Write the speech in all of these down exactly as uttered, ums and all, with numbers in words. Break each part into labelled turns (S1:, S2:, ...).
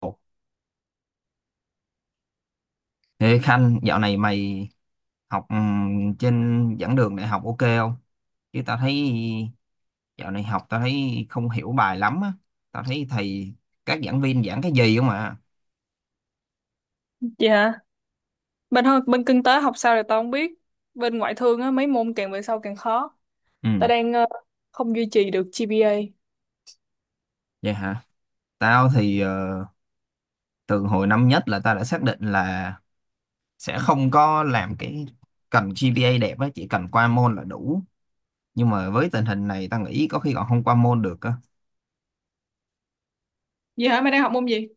S1: Ồ, ê Khanh, dạo này mày học ừm, trên giảng đường đại học ok không? Chứ tao thấy dạo này học tao thấy không hiểu bài lắm á. Tao thấy thầy các giảng viên giảng cái gì không à?
S2: Vậy hả? Bên ho- bên kinh tế học sao thì tao không biết. Bên ngoại thương á mấy môn càng về sau càng khó. Tao
S1: Ừ,
S2: đang ờ, không duy trì được giê pê a.
S1: vậy hả? Tao thì ờ, từ hồi năm nhất là tao đã xác định là sẽ không có làm cái cần giê pê a đẹp á, chỉ cần qua môn là đủ. Nhưng mà với tình hình này tao nghĩ có khi còn không qua môn được á.
S2: Vậy hả? Mày đang học môn gì?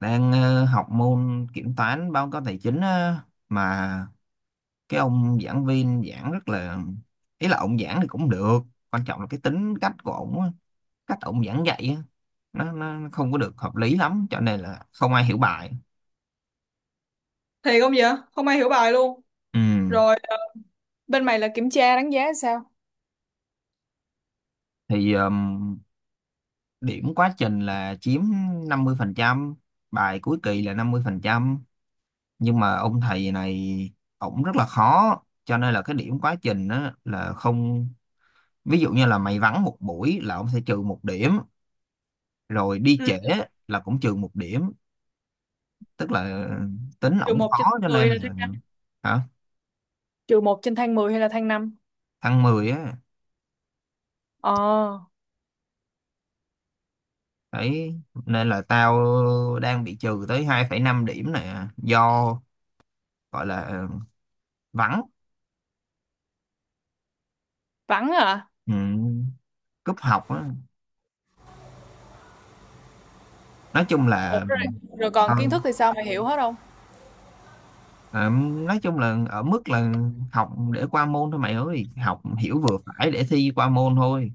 S1: Đang ờ, học môn kiểm toán báo cáo tài chính á, mà cái ông giảng viên giảng rất là ý là ông giảng thì cũng được, quan trọng là cái tính cách của ông á, cách ông giảng dạy á, nó, nó nó không có được hợp lý lắm cho nên là không ai hiểu bài.
S2: Thiệt không vậy? Không ai hiểu bài luôn.
S1: Ừ.
S2: Rồi, ờ, bên mày là kiểm tra đánh giá sao?
S1: Thì um, điểm quá trình là chiếm năm mươi phần trăm, bài cuối kỳ là năm mươi phần trăm, nhưng mà ông thầy này ổng rất là khó cho nên là cái điểm quá trình á, là không, ví dụ như là mày vắng một buổi là ông sẽ trừ một điểm, rồi đi
S2: Ừ,
S1: trễ là cũng trừ một điểm, tức là tính
S2: trừ
S1: ổng
S2: một
S1: khó
S2: trên tháng
S1: cho nên
S2: mười là thế
S1: là
S2: nào?
S1: hả
S2: Trừ một trên thang mười hay là thang năm.
S1: thăng mười á.
S2: Ờ,
S1: Đấy nên là tao đang bị trừ tới hai phẩy năm điểm nè do gọi là vắng.
S2: vắng à.
S1: Ừ, cúp học á, nói chung
S2: Ủa
S1: là
S2: rồi, rồi còn
S1: ờ,
S2: kiến thức thì sao mày hiểu hết không?
S1: ờ, nói chung là ở mức là học để qua môn thôi mày ơi, học hiểu vừa phải để thi qua môn thôi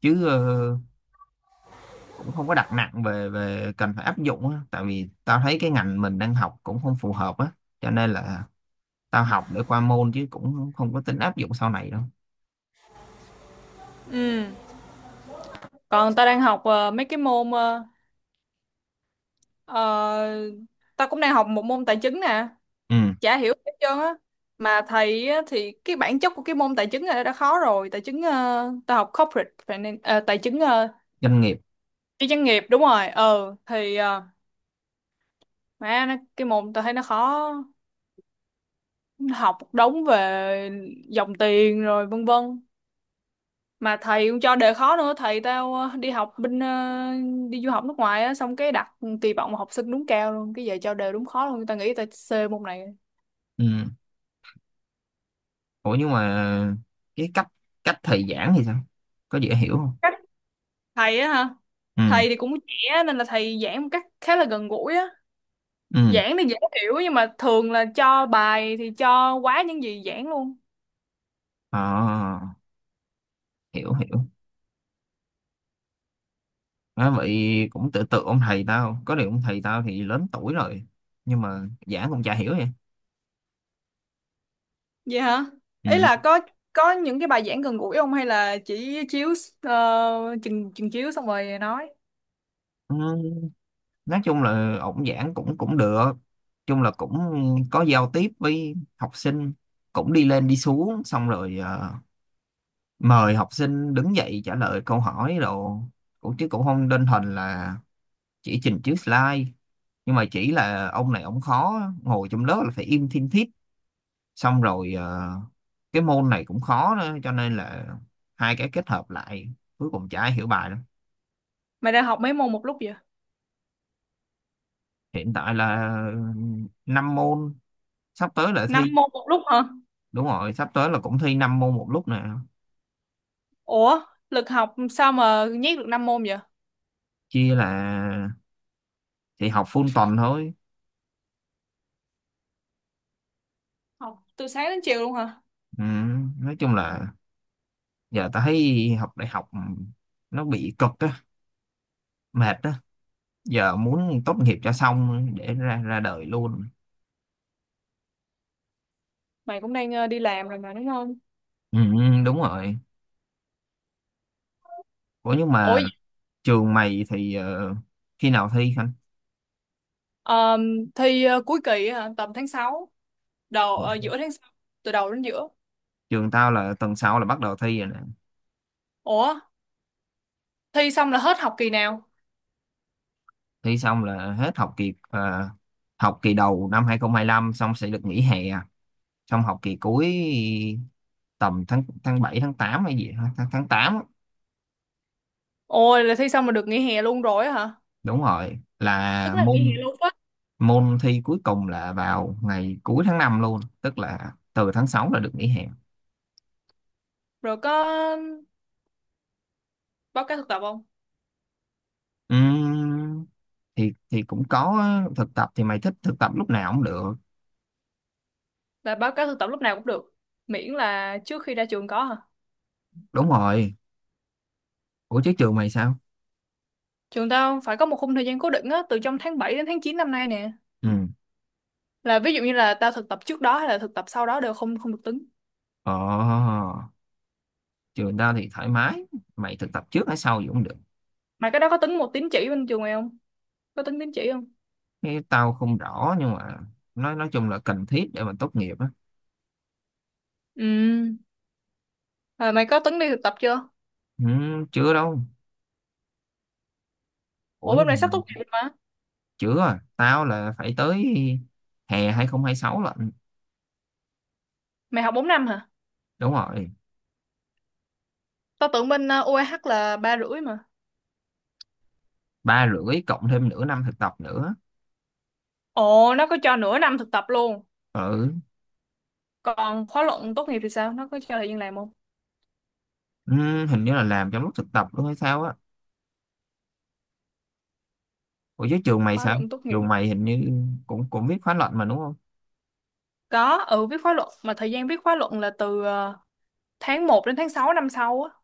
S1: chứ ờ, cũng không có đặt nặng về về cần phải áp dụng á, tại vì tao thấy cái ngành mình đang học cũng không phù hợp á cho nên là tao học để qua môn chứ cũng không có tính áp dụng sau này đâu.
S2: Ừ. Còn tao đang học ờ, mấy cái môn ờ, ờ, tao cũng đang học một môn tài chính nè.
S1: Ừ.
S2: Chả hiểu hết trơn á, mà thầy á, thì cái bản chất của cái môn tài chính này đã khó rồi. Tài chính ờ, tao học corporate finance ờ, tài chính ờ,
S1: Doanh nghiệp.
S2: cái doanh nghiệp đúng rồi. Ờ thì ờ, mẹ nó, cái môn tao thấy nó khó. Nó học một đống về dòng tiền rồi vân vân, mà thầy cũng cho đề khó nữa. Thầy tao ờ, đi học bên ờ, đi du học nước ngoài á, xong cái đặt kỳ vọng học sinh đúng cao luôn, cái giờ cho đề đúng khó luôn, tao nghĩ tao C môn này.
S1: Ừ. Ủa nhưng mà cái cách, cách thầy giảng thì sao, có dễ hiểu không?
S2: Cách thầy á hả?
S1: Ừ.
S2: Thầy thì cũng trẻ nên là thầy giảng một cách khá là gần gũi á,
S1: Ừ.
S2: giảng thì dễ hiểu nhưng mà thường là cho bài thì cho quá những gì giảng luôn.
S1: À, hiểu hiểu. À, vậy cũng tự tự ông thầy tao, có điều ông thầy tao thì lớn tuổi rồi nhưng mà giảng cũng chả hiểu vậy.
S2: Vậy hả? Ý
S1: Ừ.
S2: là có có những cái bài giảng gần gũi không hay là chỉ chiếu uh, chừng chừng chiếu xong rồi nói.
S1: Ừ. Nói chung là ổng giảng cũng cũng được, chung là cũng có giao tiếp với học sinh, cũng đi lên đi xuống xong rồi ờ, mời học sinh đứng dậy trả lời câu hỏi đồ, cũng chứ cũng không đơn thuần là chỉ trình chiếu slide, nhưng mà chỉ là ông này ông khó, ngồi trong lớp là phải im thiên thít, xong rồi ờ, cái môn này cũng khó nữa cho nên là hai cái kết hợp lại cuối cùng chả ai hiểu bài đâu.
S2: Mày đang học mấy môn một lúc vậy?
S1: Hiện tại là năm môn, sắp tới là thi.
S2: Năm môn một lúc hả?
S1: Đúng rồi, sắp tới là cũng thi năm môn một lúc nè.
S2: Ủa, lực học sao mà nhét được năm môn vậy?
S1: Chia là thì học full tuần thôi.
S2: Học từ sáng đến chiều luôn hả?
S1: Ừ, nói chung là giờ tao thấy học đại học nó bị cực á, mệt á, giờ muốn tốt nghiệp cho xong để ra ra đời luôn.
S2: Mày cũng đang ờ, đi làm rồi mà đúng không?
S1: Ừ, đúng rồi. Ủa nhưng
S2: Ủa,
S1: mà
S2: vậy-
S1: trường mày thì ờ, khi nào thi anh?
S2: ờm, thi ờ, cuối kỳ hả? Tầm tháng sáu, đầu ờ, giữa tháng sáu, từ đầu đến giữa.
S1: Trường tao là tuần sau là bắt đầu thi rồi nè.
S2: Ủa, thi xong là hết học kỳ nào?
S1: Thi xong là hết học kỳ ờ, học kỳ đầu năm hai không hai lăm, xong sẽ được nghỉ hè, xong học kỳ cuối tầm tháng tháng bảy tháng tám hay gì hả? Tháng tháng tám á.
S2: Ôi là thi xong mà được nghỉ hè luôn rồi á hả?
S1: Đúng rồi, là
S2: Tức là nghỉ
S1: môn
S2: hè luôn á.
S1: môn thi cuối cùng là vào ngày cuối tháng năm luôn, tức là từ tháng sáu là được nghỉ hè.
S2: Rồi có báo cáo thực tập không?
S1: Ừm, thì thì cũng có, thực tập thì mày thích thực tập lúc nào cũng được.
S2: Là báo cáo thực tập lúc nào cũng được. Miễn là trước khi ra trường có hả?
S1: Đúng rồi, ủa chứ trường mày sao?
S2: Trường tao phải có một khung thời gian cố định á, từ trong tháng bảy đến tháng chín năm nay nè.
S1: Ừ.
S2: Là ví dụ như là tao thực tập trước đó hay là thực tập sau đó đều không không được tính.
S1: Ờ. Trường tao thì thoải mái, mày thực tập trước hay sau gì cũng được.
S2: Mày cái đó có tính một tín chỉ bên trường mày không? Có tính tín chỉ không?
S1: Cái tao không rõ nhưng mà nói nói chung là cần thiết để mà tốt nghiệp á.
S2: Ừ. Rồi mày có tính đi thực tập chưa?
S1: Ừm, chưa đâu, ủa
S2: Ủa, bên này
S1: nhưng mà
S2: sắp tốt nghiệp rồi mà.
S1: chưa à. Tao là phải tới hè hai không hai sáu lận.
S2: Mày học bốn năm hả?
S1: Đúng rồi,
S2: Tao tưởng bên uh, u a hát là ba rưỡi mà.
S1: ba rưỡi cộng thêm nửa năm thực tập nữa.
S2: Ồ, nó có cho nửa năm thực tập luôn.
S1: Ừ.
S2: Còn khóa luận tốt nghiệp thì sao? Nó có cho thời gian làm không?
S1: Ừ, hình như là làm trong lúc thực tập luôn hay sao á, ủa chứ trường mày
S2: Khóa
S1: sao,
S2: luận tốt nghiệp.
S1: trường mày hình như cũng cũng viết khóa luận mà đúng không?
S2: Có, ừ, viết khóa luận. Mà thời gian viết khóa luận là từ ờ, tháng một đến tháng sáu năm sau á.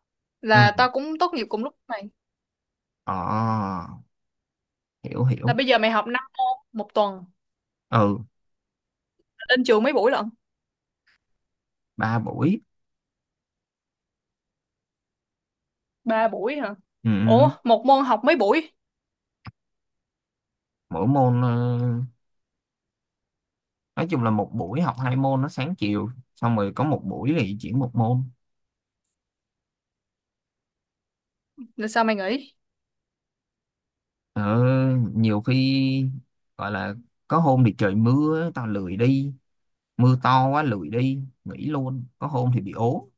S2: Là
S1: Ừ.
S2: tao cũng tốt nghiệp cùng lúc mày.
S1: Ờ. Hiểu
S2: Là
S1: hiểu.
S2: bây giờ mày học năm môn một tuần.
S1: Ừ.
S2: Lên trường mấy buổi lận?
S1: Ba buổi.
S2: Ba buổi hả?
S1: Ừ.
S2: Ủa,
S1: Ừ.
S2: một môn học mấy buổi?
S1: Mỗi môn ờ, nói chung là một buổi học hai môn nó sáng chiều, xong rồi có một buổi thì chỉ một môn.
S2: Là sao mày nghỉ?
S1: Ừ. Nhiều khi gọi là có hôm thì trời mưa tao lười đi, mưa to quá lười đi nghỉ luôn, có hôm thì bị ốm.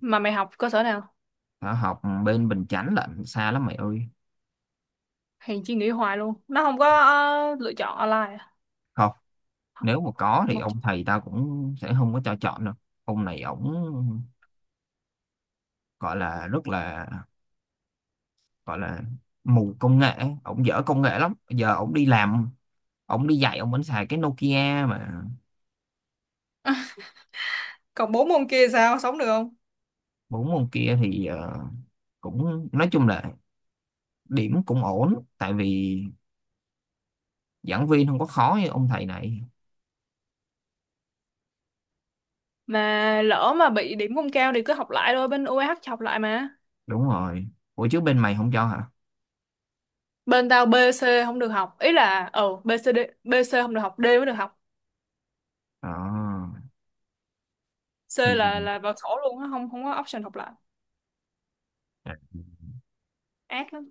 S2: Mà mày học cơ sở nào?
S1: Hả, học bên Bình Chánh lận, xa lắm mày ơi.
S2: Hèn chi nghỉ hoài luôn. Nó không có ờ, lựa chọn online à?
S1: Không, nếu mà có thì
S2: Học...
S1: ông thầy tao cũng sẽ không có cho chọn đâu. Ông này ổng gọi là rất là gọi là mù công nghệ, ổng dở công nghệ lắm, giờ ổng đi làm, ổng đi dạy ổng vẫn xài cái Nokia mà.
S2: Còn bốn môn kia sao? Sống được không?
S1: Bốn ông kia thì ờ, cũng nói chung là điểm cũng ổn tại vì giảng viên không có khó như ông thầy này.
S2: Mà lỡ mà bị điểm không cao thì cứ học lại thôi. Bên u a hát học lại mà.
S1: Đúng rồi, ủa chứ bên mày không cho hả?
S2: Bên tao B C không được học, ý là ừ B C D, B C không được học, D mới được học.
S1: Ờ,
S2: C
S1: thì
S2: là là vào sổ luôn á, không không có option học lại,
S1: à,
S2: ác lắm.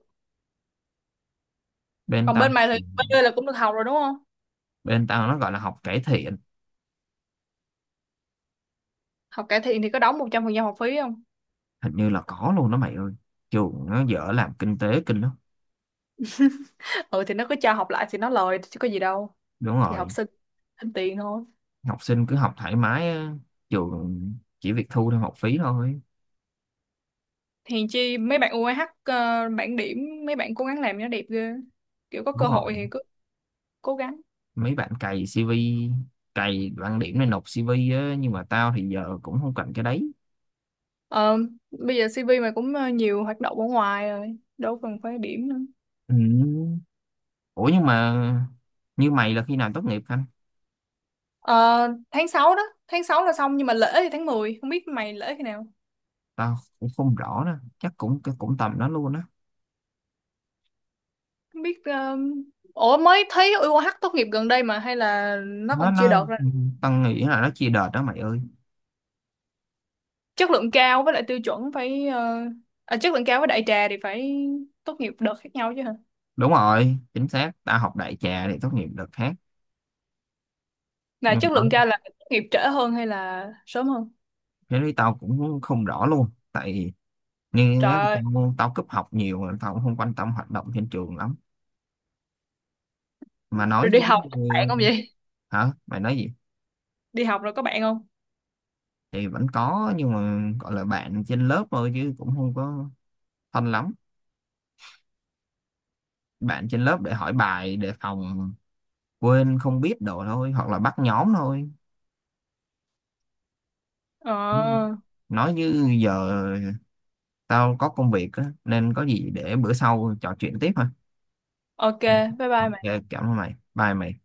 S1: bên
S2: Còn
S1: tao,
S2: bên mày thì B là cũng được học rồi đúng không?
S1: bên tao nó gọi là học cải thiện.
S2: Học cải thiện thì có đóng một trăm phần trăm học phí không?
S1: Hình như là có luôn đó mày ơi, trường nó dở làm kinh tế kinh lắm.
S2: Ừ, thì nó cứ cho học lại thì nó lời chứ có gì đâu.
S1: Đúng
S2: Thì học
S1: rồi,
S2: sinh thêm tiền thôi.
S1: học sinh cứ học thoải mái á, trường chỉ việc thu thêm học phí thôi.
S2: Hèn chi mấy bạn u a hát ờ, bảng điểm mấy bạn cố gắng làm cho nó đẹp ghê, kiểu có cơ
S1: Đúng rồi,
S2: hội thì cứ cố gắng.
S1: mấy bạn cày xê vê, cày bảng điểm này nộp xê vê á, nhưng mà tao thì giờ cũng không cần cái đấy.
S2: Ờ, bây giờ xê vê mày cũng ờ, nhiều hoạt động ở ngoài rồi đâu cần phải điểm nữa.
S1: Ừ. Ủa nhưng mà như mày là khi nào tốt nghiệp anh?
S2: Ờ, tháng sáu đó, tháng sáu là xong nhưng mà lễ thì tháng mười không biết mày lễ khi nào.
S1: Tao cũng không rõ nữa, chắc cũng cũng tầm đó luôn á.
S2: Không biết um, ủa mới thấy u ô hát tốt nghiệp gần đây mà hay là nó
S1: nó
S2: còn chưa
S1: nó
S2: đợt ra.
S1: ừ, tao nghĩ là nó chia đợt đó mày ơi.
S2: Chất lượng cao với lại tiêu chuẩn phải ờ, à, chất lượng cao với đại trà thì phải tốt nghiệp đợt khác nhau chứ hả?
S1: Đúng rồi, chính xác, tao học đại trà để tốt nghiệp đợt khác.
S2: Là
S1: Nhưng mà
S2: chất lượng
S1: đó
S2: cao là tốt nghiệp trễ hơn hay là sớm hơn?
S1: cái lý tao cũng không rõ luôn, tại như
S2: Trời
S1: á,
S2: ơi,
S1: tao, tao cúp học nhiều mà tao cũng không quan tâm hoạt động trên trường lắm, mà
S2: rồi
S1: nói
S2: đi
S1: chứ.
S2: học có bạn
S1: Ừ,
S2: không vậy?
S1: hả mày nói gì?
S2: Đi học rồi có bạn không?
S1: Thì vẫn có nhưng mà gọi là bạn trên lớp thôi chứ cũng không có thân lắm, bạn trên lớp để hỏi bài để phòng quên không biết đồ thôi, hoặc là bắt nhóm thôi.
S2: Ờ,
S1: Nói như giờ tao có công việc á, nên có gì để bữa sau trò chuyện tiếp ha.
S2: ok, bye bye mày.
S1: Ok cảm ơn mày, bye mày.